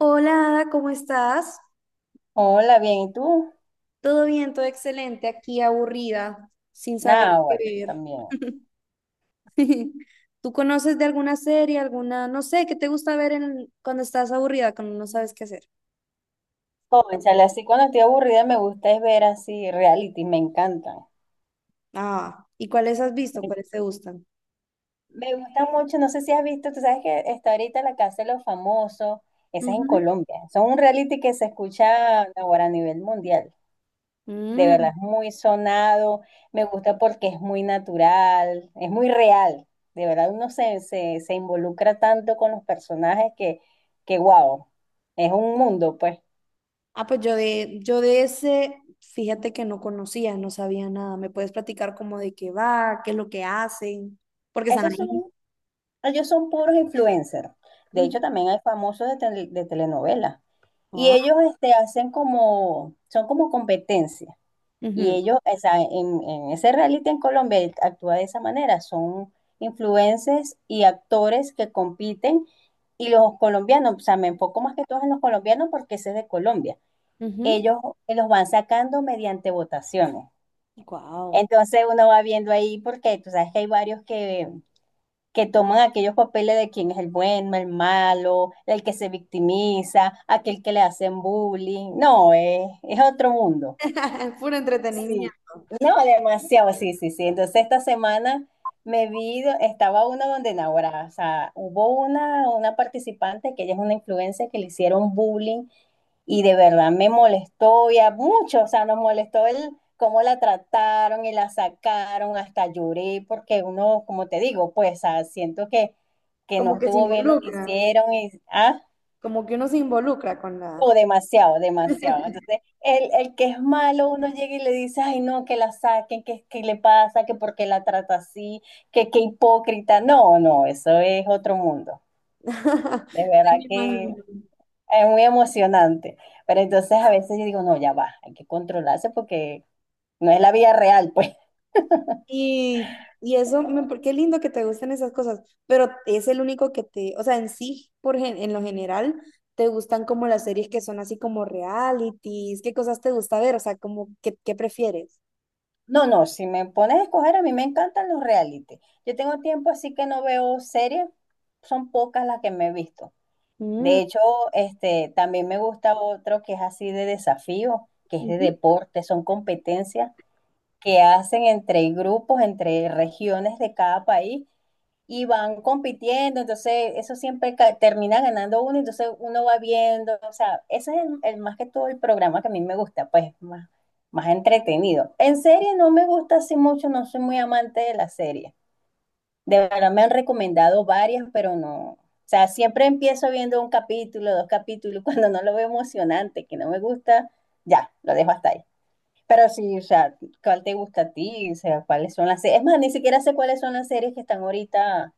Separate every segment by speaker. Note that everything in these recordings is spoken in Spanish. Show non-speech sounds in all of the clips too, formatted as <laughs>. Speaker 1: Hola, Ada, ¿cómo estás?
Speaker 2: Hola, bien, ¿y tú?
Speaker 1: Todo bien, todo excelente, aquí aburrida, sin saber
Speaker 2: Nada,
Speaker 1: qué
Speaker 2: bueno, yo
Speaker 1: ver.
Speaker 2: también.
Speaker 1: <laughs> ¿Tú conoces de alguna serie, alguna, no sé, qué te gusta ver cuando estás aburrida, cuando no sabes qué hacer?
Speaker 2: Cónchale, así cuando estoy aburrida me gusta es ver así reality, me encantan.
Speaker 1: Ah, ¿y cuáles has visto?
Speaker 2: Me,
Speaker 1: ¿Cuáles te gustan?
Speaker 2: me gustan mucho, no sé si has visto, tú sabes que está ahorita La Casa de los Famosos, esa es en
Speaker 1: Ujú.
Speaker 2: Colombia. Son un reality que se escucha ahora a nivel mundial. De verdad,
Speaker 1: Mm.
Speaker 2: es muy sonado, me gusta porque es muy natural, es muy real. De verdad, uno se involucra tanto con los personajes que wow, es un mundo, pues.
Speaker 1: Ah, pues yo de ese, fíjate que no conocía, no sabía nada. ¿Me puedes platicar como de qué va, qué es lo que hacen? Porque están
Speaker 2: Eso es
Speaker 1: ahí.
Speaker 2: un Ellos son puros influencers. De
Speaker 1: Ujú.
Speaker 2: hecho, también hay famosos de, de telenovelas. Y
Speaker 1: Ah.
Speaker 2: ellos este, hacen como, son como competencia. Y ellos, o sea, en ese reality en Colombia él actúa de esa manera. Son influencers y actores que compiten. Y los colombianos, o sea, me enfoco más que todos en los colombianos porque ese es de Colombia. Ellos los van sacando mediante votaciones.
Speaker 1: Wow.
Speaker 2: Entonces uno va viendo ahí porque tú sabes que hay varios que toman aquellos papeles de quién es el bueno, el malo, el que se victimiza, aquel que le hacen bullying. No, es otro mundo.
Speaker 1: <laughs> Puro
Speaker 2: Sí,
Speaker 1: entretenimiento.
Speaker 2: no, demasiado, sí, sí, sí. Entonces esta semana me vi, estaba una donde Naguará, o sea, hubo una participante que ella es una influencer que le hicieron bullying y de verdad me molestó y a muchos, o sea, nos molestó el cómo la trataron y la sacaron, hasta lloré porque uno, como te digo, pues ah, siento que
Speaker 1: Como
Speaker 2: no
Speaker 1: que se
Speaker 2: estuvo bien lo que
Speaker 1: involucra,
Speaker 2: hicieron y, ah.
Speaker 1: como que uno se involucra con la...
Speaker 2: O demasiado, demasiado. Entonces, el que es malo, uno llega y le dice, ay, no, que la saquen, que le pasa, que por qué la trata así, que qué hipócrita. No, no, eso es otro mundo. De
Speaker 1: <laughs> Sí, me
Speaker 2: verdad que
Speaker 1: imagino.
Speaker 2: es muy emocionante. Pero entonces a veces yo digo, no, ya va, hay que controlarse porque no es la vida real, pues. <laughs>
Speaker 1: Y eso, qué lindo que te gusten esas cosas, pero es el único que te, o sea, en sí, en lo general, te gustan como las series que son así como realities, qué cosas te gusta ver, o sea, como, ¿qué, qué prefieres?
Speaker 2: No, no, si me pones a escoger, a mí me encantan los reality. Yo tengo tiempo así que no veo series, son pocas las que me he visto. De
Speaker 1: Mm.
Speaker 2: hecho, este, también me gusta otro que es así de desafío, que es de
Speaker 1: Ujú.
Speaker 2: deporte, son competencias que hacen entre grupos, entre regiones de cada país y van compitiendo, entonces eso siempre termina ganando uno, entonces uno va viendo, o sea, ese es el más que todo el programa que a mí me gusta, pues más entretenido. En serie no me gusta así mucho, no soy muy amante de la serie. De verdad me han recomendado varias, pero no. O sea, siempre empiezo viendo un capítulo, dos capítulos, <laughs> cuando no lo veo emocionante, que no me gusta, ya, lo dejo hasta ahí. Pero sí, o sea, ¿cuál te gusta a ti? O sea, ¿cuáles son las series? Es más, ni siquiera sé cuáles son las series que están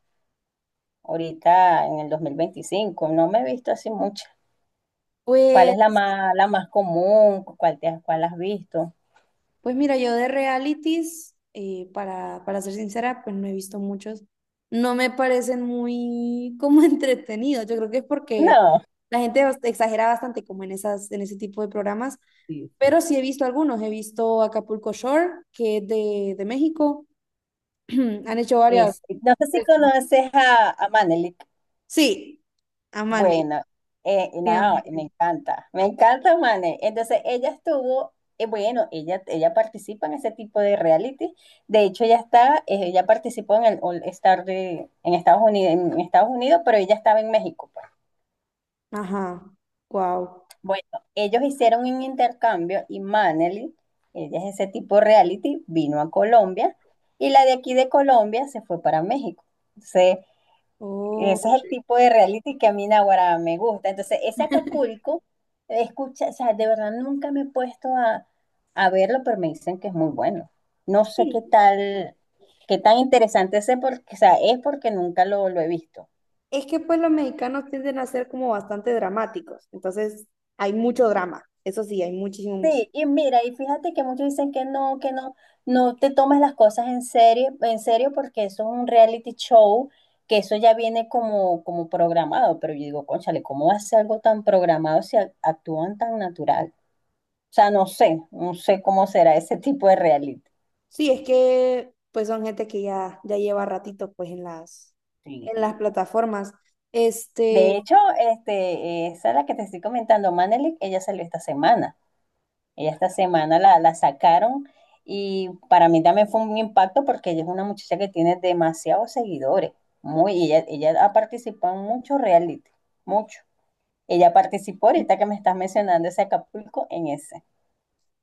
Speaker 2: ahorita en el 2025. No me he visto así mucho. ¿Cuál es
Speaker 1: Pues
Speaker 2: la más común? ¿Cuál te, cuál has visto?
Speaker 1: Pues mira, yo de realities, para ser sincera, pues no he visto muchos. No me parecen muy como <laughs> entretenidos. Yo creo que es porque
Speaker 2: No.
Speaker 1: la gente exagera bastante como en esas, en ese tipo de programas.
Speaker 2: Sí,
Speaker 1: Pero
Speaker 2: sí.
Speaker 1: sí he visto algunos. He visto Acapulco Shore, que es de México. <clears throat> Han hecho varias.
Speaker 2: Es- no sé si conoces a Manelik.
Speaker 1: Sí, Amane.
Speaker 2: Bueno,
Speaker 1: Sí,
Speaker 2: no,
Speaker 1: Amane.
Speaker 2: me encanta, Mane. Entonces, ella estuvo, bueno, ella participa en ese tipo de reality. De hecho, ella está, ella participó en el All Star de, en en Estados Unidos, pero ella estaba en México, pues.
Speaker 1: Ajá. Wow.
Speaker 2: Bueno, ellos hicieron un intercambio y Maneli, ella es ese tipo de reality, vino a Colombia y la de aquí de Colombia se fue para México. Entonces,
Speaker 1: Oh,
Speaker 2: ese es el tipo de reality que a mí Naguará me gusta. Entonces, ese Acapulco, escucha, o sea, de verdad nunca me he puesto a verlo, pero me dicen que es muy bueno. No sé
Speaker 1: sí.
Speaker 2: qué tal, qué tan interesante es, porque, o sea, es porque nunca lo he visto.
Speaker 1: Es que pues los mexicanos tienden a ser como bastante dramáticos, entonces hay mucho drama, eso sí, hay muchísimo,
Speaker 2: Sí,
Speaker 1: muchísimo.
Speaker 2: y mira, y fíjate que muchos dicen que no, no te tomes las cosas en serio, porque eso es un reality show, que eso ya viene como, como programado, pero yo digo, cónchale, ¿cómo hace algo tan programado si actúan tan natural? O sea, no sé cómo será ese tipo de reality.
Speaker 1: Sí, es que pues son gente que ya, ya lleva ratito pues en
Speaker 2: Sí.
Speaker 1: las plataformas. Este,
Speaker 2: De hecho, este, esa es la que te estoy comentando, Manelik, ella salió esta semana. Ella esta semana la sacaron y para mí también fue un impacto porque ella es una muchacha que tiene demasiados seguidores. Muy, y ella ha participado en muchos reality, mucho. Ella participó ahorita que me estás mencionando ese Acapulco en ese.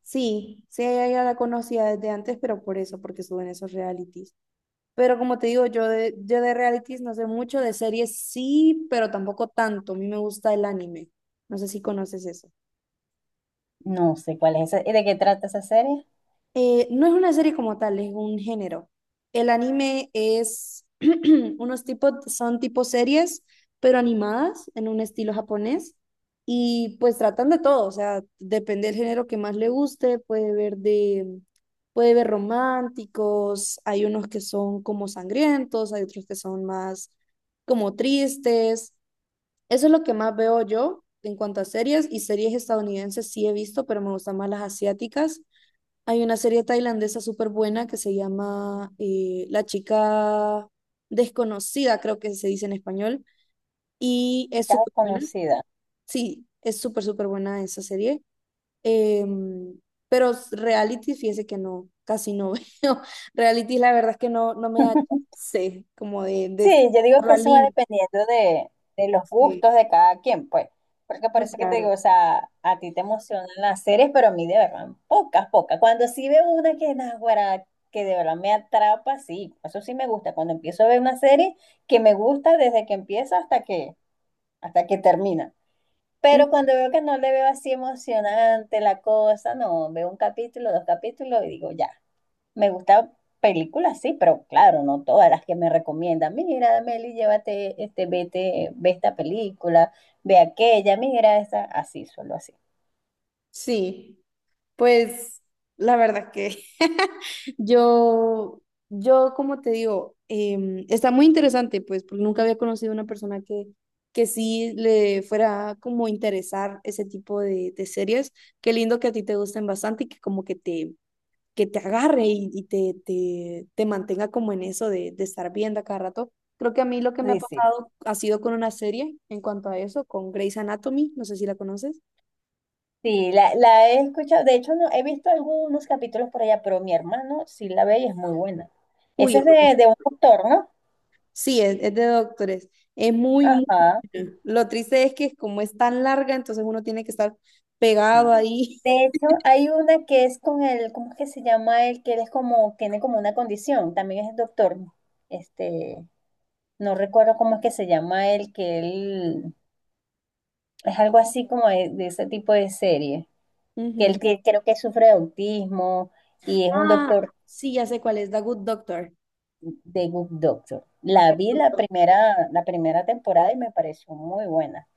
Speaker 1: sí, sí, ella ya la conocía desde antes, pero por eso, porque suben esos realities. Pero como te digo, yo de realities no sé mucho, de series sí, pero tampoco tanto, a mí me gusta el anime, no sé si conoces eso.
Speaker 2: No sé cuál es ese. ¿De qué trata esa serie?
Speaker 1: No es una serie como tal, es un género. El anime es <clears throat> unos tipos, son tipo series, pero animadas en un estilo japonés. Y pues tratan de todo, o sea, depende del género que más le guste, puede ver románticos, hay unos que son como sangrientos, hay otros que son más como tristes. Eso es lo que más veo yo en cuanto a series, y series estadounidenses sí he visto, pero me gustan más las asiáticas. Hay una serie tailandesa súper buena que se llama La chica desconocida, creo que se dice en español, y es
Speaker 2: Chica
Speaker 1: súper buena.
Speaker 2: desconocida.
Speaker 1: Sí, es súper, súper buena esa serie. Em, pero reality, fíjese que no, casi no <laughs> veo. Reality, la verdad es que no me da
Speaker 2: <laughs>
Speaker 1: chance como de
Speaker 2: Sí, yo digo que
Speaker 1: la
Speaker 2: eso va
Speaker 1: línea.
Speaker 2: dependiendo de los
Speaker 1: Sí,
Speaker 2: gustos de cada quien, pues. Porque por
Speaker 1: muy
Speaker 2: eso que te digo,
Speaker 1: claro.
Speaker 2: o sea, a ti te emocionan las series, pero a mí de verdad, pocas, pocas. Cuando sí veo una que naguará, que de verdad me atrapa, sí, eso sí me gusta. Cuando empiezo a ver una serie que me gusta desde que empieza hasta que termina.
Speaker 1: Mm.
Speaker 2: Pero cuando veo que no le veo así emocionante la cosa, no, veo un capítulo, dos capítulos y digo, ya. Me gustan películas, sí, pero claro, no todas las que me recomiendan. Mira, Meli, llévate, este, vete, ve esta película, ve aquella, mira esa, así, solo así.
Speaker 1: Sí. Pues la verdad que <laughs> yo, yo como te digo, está muy interesante, pues, porque nunca había conocido una persona que sí le fuera como interesar ese tipo de series. Qué lindo que a ti te gusten bastante y que como que te agarre y te mantenga como en eso de estar viendo a cada rato. Creo que a mí lo que me ha
Speaker 2: Sí, sí.
Speaker 1: pasado ha sido con una serie en cuanto a eso, con Grey's Anatomy, no sé si la conoces.
Speaker 2: Sí, la he escuchado. De hecho, no, he visto algunos capítulos por allá, pero mi hermano sí la ve y es muy buena. Esa
Speaker 1: Uy.
Speaker 2: es de un autor, ¿no?
Speaker 1: Sí, es de doctores. Es muy, muy
Speaker 2: Ajá.
Speaker 1: buena. Lo triste es que como es tan larga, entonces uno tiene que estar pegado
Speaker 2: Sí.
Speaker 1: ahí.
Speaker 2: De hecho, hay una que es con el, ¿cómo es que se llama él? Que él es como, tiene como una condición, también es doctor. Este, no recuerdo cómo es que se llama él, que él es algo así como de ese tipo de serie,
Speaker 1: <laughs>
Speaker 2: que él
Speaker 1: Ujú.
Speaker 2: que, creo que sufre de autismo y es un
Speaker 1: Ah,
Speaker 2: doctor
Speaker 1: sí, ya sé cuál es, The Good Doctor.
Speaker 2: de Good Doctor. La vi la primera temporada y me pareció muy buena.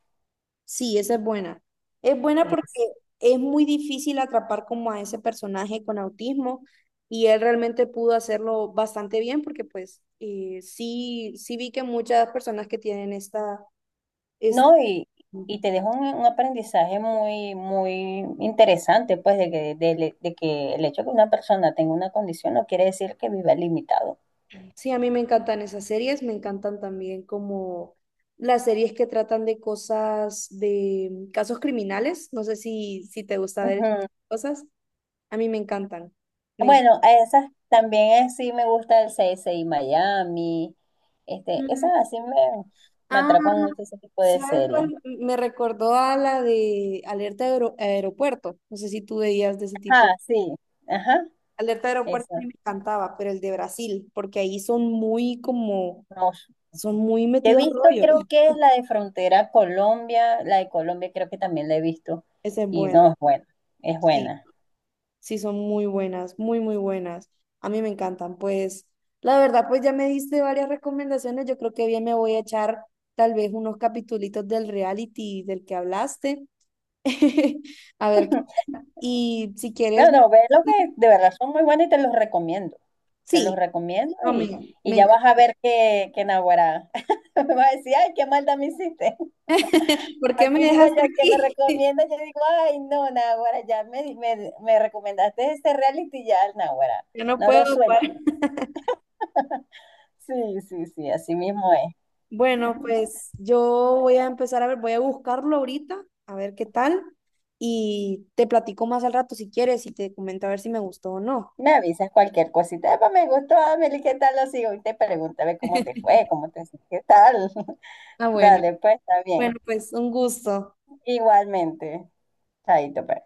Speaker 1: Sí, esa es buena. Es buena porque
Speaker 2: Es-
Speaker 1: es muy difícil atrapar como a ese personaje con autismo y él realmente pudo hacerlo bastante bien porque pues sí, sí vi que muchas personas que tienen esta, esta...
Speaker 2: no, y te dejo un aprendizaje muy interesante, pues, de que el hecho de que una persona tenga una condición no quiere decir que viva limitado.
Speaker 1: Sí, a mí me encantan esas series, me encantan también como las series que tratan de cosas, de casos criminales. No sé si, si te gusta ver
Speaker 2: Ujú.
Speaker 1: cosas. A mí me encantan. Me enc-
Speaker 2: Bueno, a esas también sí me gusta el CSI Miami. Este,
Speaker 1: Mm.
Speaker 2: esas así me
Speaker 1: Ah,
Speaker 2: atrapan mucho ese tipo de
Speaker 1: ¿sabes cuál?
Speaker 2: series.
Speaker 1: Me recordó a la de Aeropuerto. No sé si tú veías de ese tipo.
Speaker 2: Ajá, sí, ajá,
Speaker 1: Alerta Aeropuerto a mí
Speaker 2: esa.
Speaker 1: me encantaba, pero el de Brasil, porque ahí son muy como,
Speaker 2: No,
Speaker 1: son muy
Speaker 2: he
Speaker 1: metidos al
Speaker 2: visto,
Speaker 1: rollo.
Speaker 2: creo
Speaker 1: <laughs>
Speaker 2: que es la de Frontera Colombia, la de Colombia creo que también la he visto.
Speaker 1: Ese es
Speaker 2: Y
Speaker 1: bueno.
Speaker 2: no, es buena, es
Speaker 1: Sí.
Speaker 2: buena.
Speaker 1: Sí, son muy buenas, muy, muy buenas. A mí me encantan. Pues, la verdad, pues ya me diste varias recomendaciones. Yo creo que bien me voy a echar tal vez unos capitulitos del reality del que hablaste. <laughs> A ver, qué tal. Y si
Speaker 2: No,
Speaker 1: quieres,
Speaker 2: no, ve lo que de verdad son muy buenas y te los recomiendo. Te los
Speaker 1: sí,
Speaker 2: recomiendo
Speaker 1: no, me,
Speaker 2: y
Speaker 1: me
Speaker 2: ya
Speaker 1: encanta.
Speaker 2: vas a ver que naguará. <laughs> Me vas a decir, ay, qué maldad me hiciste.
Speaker 1: <laughs> ¿Por qué
Speaker 2: Así
Speaker 1: me
Speaker 2: digo
Speaker 1: dejaste
Speaker 2: yo, el que me
Speaker 1: aquí?
Speaker 2: recomienda, yo digo, ay, no, Nahuara, ya me recomendaste este reality, ya, Nahuara,
Speaker 1: <laughs> Yo no
Speaker 2: no lo
Speaker 1: puedo
Speaker 2: suelto.
Speaker 1: parar.
Speaker 2: Sí, sí, sí, así mismo es.
Speaker 1: Bueno, pues yo voy a empezar a ver, voy a buscarlo ahorita, a ver qué tal. Y te platico más al rato si quieres y te comento a ver si me gustó o no.
Speaker 2: Me avisas cualquier cosita, "Epa, me gustó, Amelie, ¿qué tal lo sigo? Y te pregunto, a ver cómo te
Speaker 1: <laughs>
Speaker 2: fue, cómo te, qué tal. <laughs>
Speaker 1: Ah, bueno.
Speaker 2: Dale, pues, está
Speaker 1: Bueno,
Speaker 2: bien.
Speaker 1: pues un gusto.
Speaker 2: Igualmente, chaito, pues.